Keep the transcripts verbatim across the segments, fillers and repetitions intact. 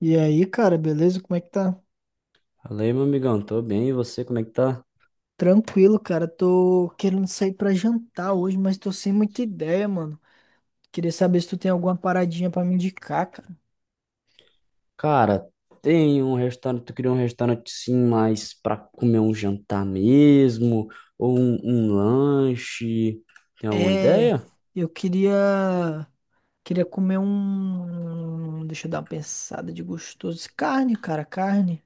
E aí, cara, beleza? Como é que tá? Fala aí, meu amigão, tô bem, e você, como é que tá? Tranquilo, cara. Tô querendo sair pra jantar hoje, mas tô sem muita ideia, mano. Queria saber se tu tem alguma paradinha pra me indicar, cara. Cara, tem um restaurante, tu queria um restaurante sim, mas pra comer um jantar mesmo, ou um, um lanche, tem alguma É, ideia? eu queria queria comer um, deixa eu dar uma pensada de gostoso. Carne, cara, carne.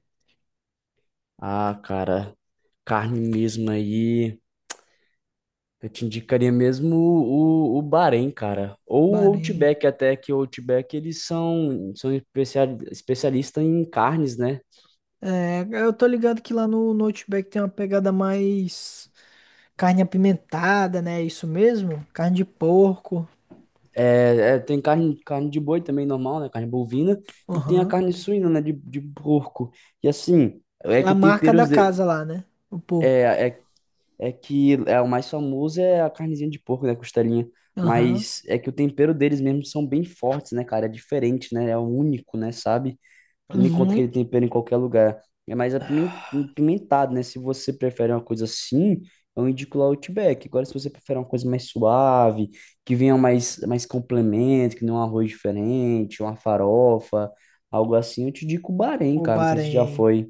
Ah, cara, carne mesmo aí, eu te indicaria mesmo o, o, o Bahrein, cara, ou o Baranha. Outback, até que o Outback, eles são, são especial, especialistas em carnes, né? É, eu tô ligado que lá no no Outback tem uma pegada mais carne apimentada, né? É isso mesmo? Carne de porco. É, é, tem carne, carne de boi também normal, né? Carne bovina. E tem a Aham. carne suína, né? De, de porco. E assim, É é que a o marca tempero da de- casa lá, né? O porco. é, é, é que é, o mais famoso é a carnezinha de porco, né? Costelinha. Aham. Mas é que o tempero deles mesmo são bem fortes, né, cara? É diferente, né? É único, né? Sabe? Tu não encontra aquele Uhum. tempero em qualquer lugar. É mais apimen- apimentado, né? Se você prefere uma coisa assim, eu indico lá o Outback. Agora, se você prefere uma coisa mais suave, que venha mais, mais complemento, que não um arroz diferente, uma farofa, algo assim, eu te indico o Bahrein, O cara. Não sei se já Bahrein. foi.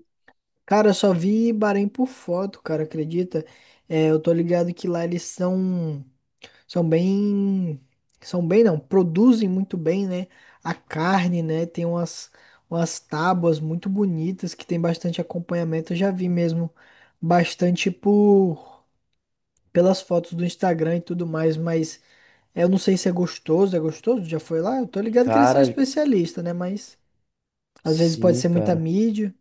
Cara, eu só vi Bahrein por foto, cara, acredita? É, eu tô ligado que lá eles são, são bem, são bem não, produzem muito bem, né? A carne, né? Tem umas, umas tábuas muito bonitas que tem bastante acompanhamento. Eu já vi mesmo bastante por pelas fotos do Instagram e tudo mais, mas é, eu não sei se é gostoso, é gostoso? Já foi lá? Eu tô ligado que eles são Cara, especialistas, né? Mas às vezes pode sim, ser muita cara. mídia.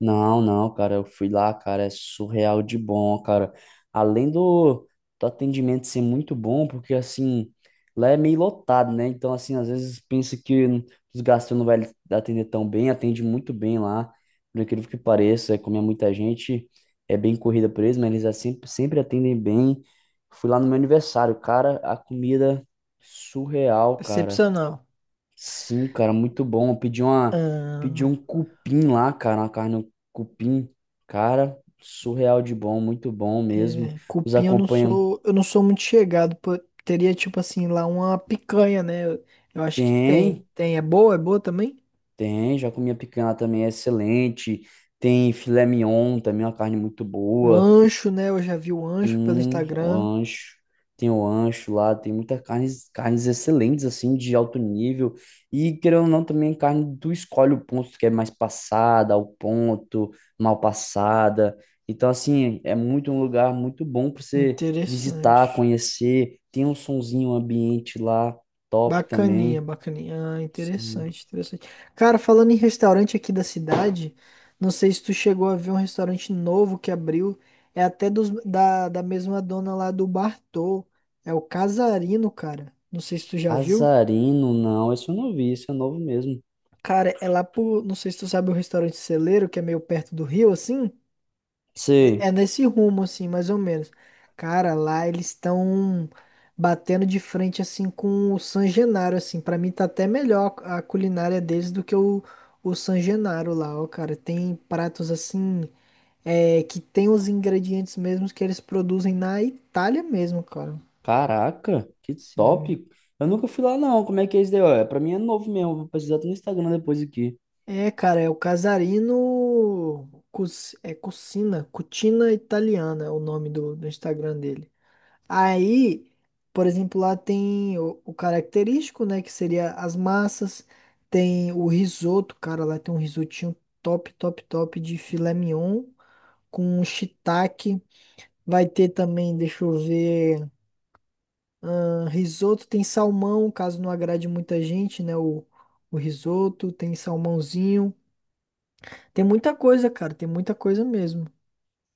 Não, não, cara, eu fui lá, cara, é surreal de bom, cara. Além do, do atendimento ser muito bom, porque assim, lá é meio lotado, né? Então, assim, às vezes pensa que os gastos não vai atender tão bem, atende muito bem lá, por incrível que pareça, é como é muita gente, é bem corrida por eles, mas eles é sempre, sempre atendem bem. Fui lá no meu aniversário, cara, a comida surreal, cara. Excepcional. Sim, cara, muito bom. Eu Pedi uma, pedi Ah, um cupim lá, cara, uma carne um cupim. Cara, surreal de bom, muito bom mesmo. é, Os cupim eu não acompanham. sou, eu não sou muito chegado, pô. Teria tipo assim lá uma picanha, né? Eu, eu acho que tem. Tem, Tem, é boa, é boa também? tem, já comi a picanha lá também, é excelente. Tem filé mignon também, uma carne muito O boa. ancho, né? Eu já vi o ancho pelo Sim, o Instagram. ancho. Tem o ancho lá, tem muitas carnes, carnes excelentes, assim, de alto nível. E, querendo ou não, também carne, tu escolhe o ponto que é mais passada, ao ponto, mal passada. Então, assim, é muito um lugar muito bom para você visitar, Interessante. conhecer. Tem um sonzinho, um ambiente lá, top Bacaninha, também. bacaninha. Ah, Sim. interessante, interessante. Cara, falando em restaurante aqui da cidade, não sei se tu chegou a ver um restaurante novo que abriu. É até dos, da, da mesma dona lá do Bartô. É o Casarino, cara. Não sei se tu já viu. Azarino, não, esse eu não vi, esse é novo mesmo. Cara, é lá pro. Não sei se tu sabe o restaurante Celeiro, que é meio perto do rio, assim. É Sei. nesse rumo, assim, mais ou menos. Cara, lá eles estão batendo de frente, assim, com o San Genaro, assim. Pra mim tá até melhor a culinária deles do que o, o San Genaro lá, ó, cara. Tem pratos, assim, é, que tem os ingredientes mesmos que eles produzem na Itália mesmo, cara. Caraca, que Sim. top. Eu nunca fui lá não. Como é que é isso daí? Ó? É, pra mim é novo mesmo. Vou precisar até no Instagram depois aqui. É, cara, é o Casarino... Cus, é Cucina, Cucina Italiana é o nome do, do Instagram dele. Aí, por exemplo, lá tem o, o característico, né, que seria as massas, tem o risoto, cara, lá tem um risotinho top, top, top de filé mignon com shiitake. Vai ter também, deixa eu ver, ah, risoto, tem salmão, caso não agrade muita gente, né, o, o risoto, tem salmãozinho. Tem muita coisa, cara, tem muita coisa mesmo.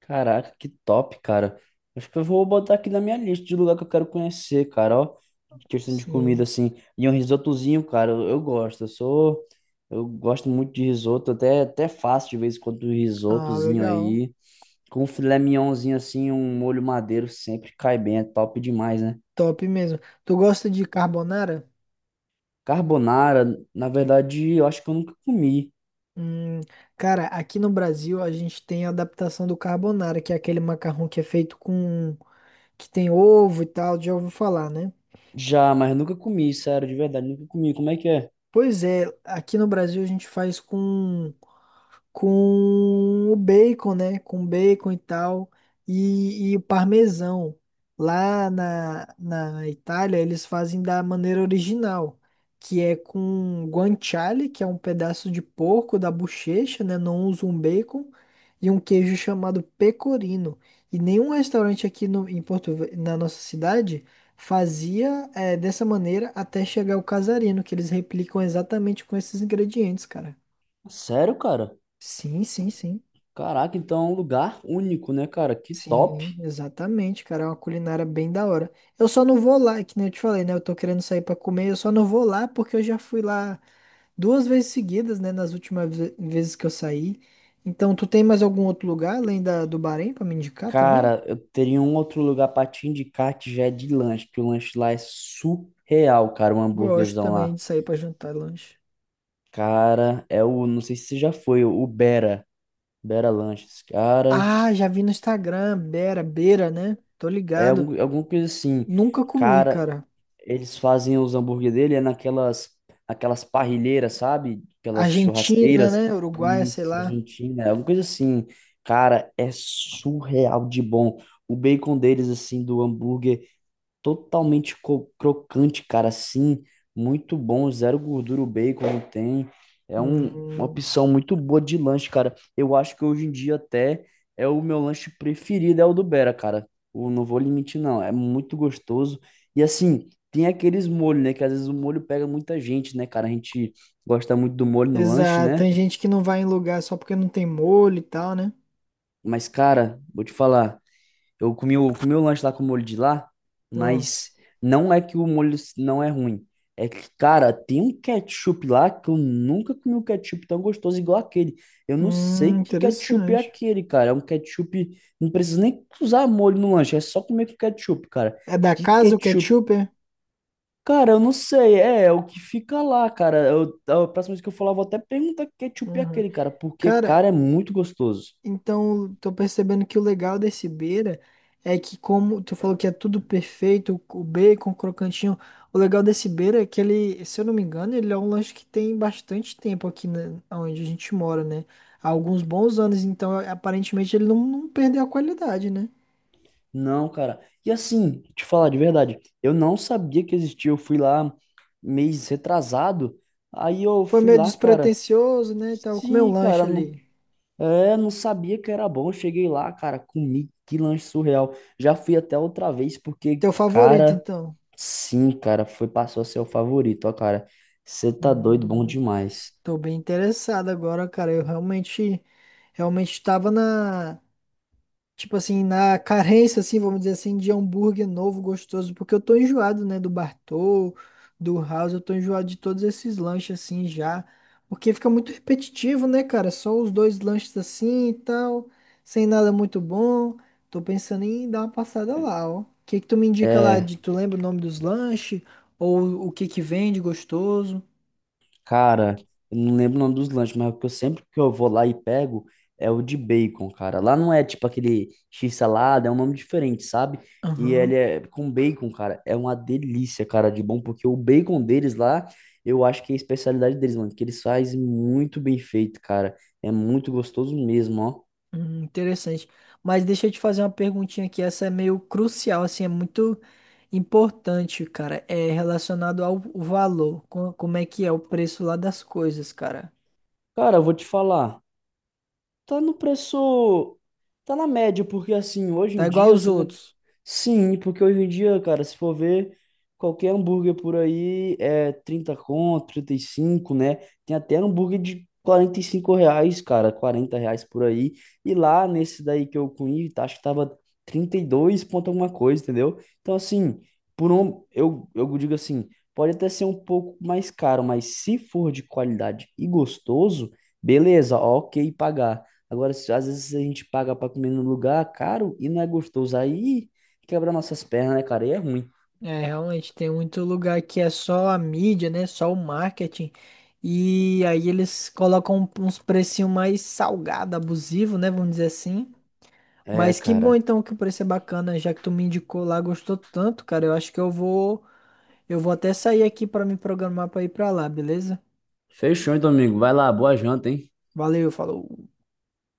Caraca, que top, cara. Acho que eu vou botar aqui na minha lista de lugar que eu quero conhecer, cara, ó. De questão de comida Sim. assim. E um risotozinho, cara, eu, eu gosto. Eu sou eu gosto muito de risoto, até até faço de vez em quando um Ah, risotozinho legal. aí. Com um filé mignonzinho assim, um molho madeiro sempre cai bem, é top demais, né? Top mesmo. Tu gosta de carbonara? Carbonara, na verdade, eu acho que eu nunca comi. Hum, Cara, aqui no Brasil a gente tem a adaptação do carbonara, que é aquele macarrão que é feito com... que tem ovo e tal, já ouviu falar, né? Já, mas nunca comi, sério, de verdade, nunca comi. Como é que é? Pois é, aqui no Brasil a gente faz com com o bacon, né? Com bacon e tal, e, e o parmesão. Lá na, na Itália, eles fazem da maneira original, que é com guanciale, que é um pedaço de porco da bochecha, né? Não usam um bacon, e um queijo chamado pecorino. E nenhum restaurante aqui no, em Porto, Ve- na nossa cidade fazia eh, dessa maneira até chegar o casarino, que eles replicam exatamente com esses ingredientes, cara. Sério, cara? Sim, sim, sim. Caraca, então é um lugar único, né, cara? Que top. Sim, exatamente, cara. É uma culinária bem da hora. Eu só não vou lá, é que nem eu te falei, né? Eu tô querendo sair pra comer, eu só não vou lá porque eu já fui lá duas vezes seguidas, né? Nas últimas ve- vezes que eu saí. Então, tu tem mais algum outro lugar além da, do Bahrein pra me indicar também? Cara, eu teria um outro lugar pra te indicar que já é de lanche, porque o lanche lá é surreal, cara, o Gosto hambúrguerzão também lá. de sair pra jantar e lanche. Cara, é o, não sei se você já foi, o Bera, Bera Lanches, cara, Ah, já vi no Instagram, Beira, Beira, né? Tô é ligado. algum, alguma coisa assim. Nunca comi, Cara, cara. eles fazem os hambúrguer dele é naquelas aquelas parrilheiras, sabe? Aquelas Argentina, churrasqueiras. né? Uruguaia, sei Isso, lá. Argentina, é uma coisa assim. Cara, é surreal de bom. O bacon deles, assim, do hambúrguer, totalmente co- crocante, cara, assim, muito bom, zero gordura o bacon não tem. É um- uma Hum. opção muito boa de lanche, cara. Eu acho que hoje em dia até é o meu lanche preferido, é o do Bera, cara. O, não vou limitar não. É muito gostoso. E assim, tem aqueles molhos, né? Que às vezes o molho pega muita gente, né, cara? A gente gosta muito do molho no lanche, Exato, né? tem gente que não vai em lugar só porque não tem molho e tal, né? Mas, cara, vou te falar. Eu comi o, comi o lanche lá com o molho de lá, Hum, mas não é que o molho não é ruim. É que, cara, tem um ketchup lá que eu nunca comi um ketchup tão gostoso igual aquele. Eu não sei hum, que ketchup é interessante. aquele, cara. É um ketchup. Não precisa nem usar molho no lanche, é só comer com ketchup, cara. É da Que casa o ketchup. ketchup, é? Cara, eu não sei. É, é o que fica lá, cara. Eu, a próxima vez que eu falar, eu vou até perguntar que ketchup é Uhum. aquele, cara. Porque, Cara, cara, é muito gostoso. então tô percebendo que o legal desse Beira é que como tu falou que é tudo perfeito, o bacon, o crocantinho, o legal desse Beira é que ele, se eu não me engano, ele é um lanche que tem bastante tempo aqui na, onde a gente mora, né? Há alguns bons anos, então aparentemente ele não, não perdeu a qualidade, né? Não, cara. E assim, te falar de verdade, eu não sabia que existia. Eu fui lá mês retrasado. Aí eu Foi fui meio lá, cara. despretensioso, né? E tal. Comeu um Sim, lanche cara, não, ali. é, não sabia que era bom. Eu cheguei lá, cara, comi que lanche surreal. Já fui até outra vez porque, Teu favorito, cara, então? sim, cara, foi passou a ser o favorito, ó, cara. Você tá doido, bom Hum, demais. tô bem interessado agora, cara. Eu realmente, realmente estava na, tipo assim, na carência, assim, vamos dizer assim, de hambúrguer novo, gostoso, porque eu tô enjoado, né, do Bartô, do House, eu tô enjoado de todos esses lanches, assim, já, porque fica muito repetitivo, né, cara, só os dois lanches assim e tal, sem nada muito bom, tô pensando em dar uma passada lá, ó, o que que tu me indica lá, É. de, tu lembra o nome dos lanches, ou o que que vende gostoso? Cara, eu não lembro o nome dos lanches, mas o que eu sempre que eu vou lá e pego é o de bacon, cara. Lá não é tipo aquele x-salada, é um nome diferente, sabe? E ele Aham. é com bacon, cara. É uma delícia, cara, de bom, porque o bacon deles lá, eu acho que é a especialidade deles, mano, que eles fazem muito bem feito, cara. É muito gostoso mesmo, ó. Hum, interessante. Mas deixa eu te fazer uma perguntinha aqui. Essa é meio crucial, assim, é muito importante, cara. É relacionado ao valor. Co- Como é que é o preço lá das coisas, cara? Cara, eu vou te falar. Tá no preço. Tá na média, porque assim, hoje Tá em igual dia, aos você né? outros. Sim, porque hoje em dia, cara, se for ver, qualquer hambúrguer por aí é trinta conto, trinta e cinco né? Tem até hambúrguer de quarenta e cinco reais, cara, quarenta reais por aí. E lá nesse daí que eu comi, tá, acho que tava trinta e dois ponto alguma coisa, entendeu? Então, assim, por um, eu, eu digo assim, pode até ser um pouco mais caro, mas se for de qualidade e gostoso, beleza, ok pagar. Agora, se- às vezes a gente paga pra comer num lugar caro e não é gostoso. Aí quebra nossas pernas, né, cara? E é ruim. É, realmente, tem muito lugar que é só a mídia, né? Só o marketing. E aí eles colocam um, uns precinhos mais salgado, abusivo, né? Vamos dizer assim. É, Mas que bom cara. então que o preço é bacana, já que tu me indicou lá, gostou tanto, cara. Eu acho que eu vou. Eu vou até sair aqui para me programar para ir para lá, beleza? Fechou, hein, Domingo. Vai lá, boa janta, hein? Valeu, falou.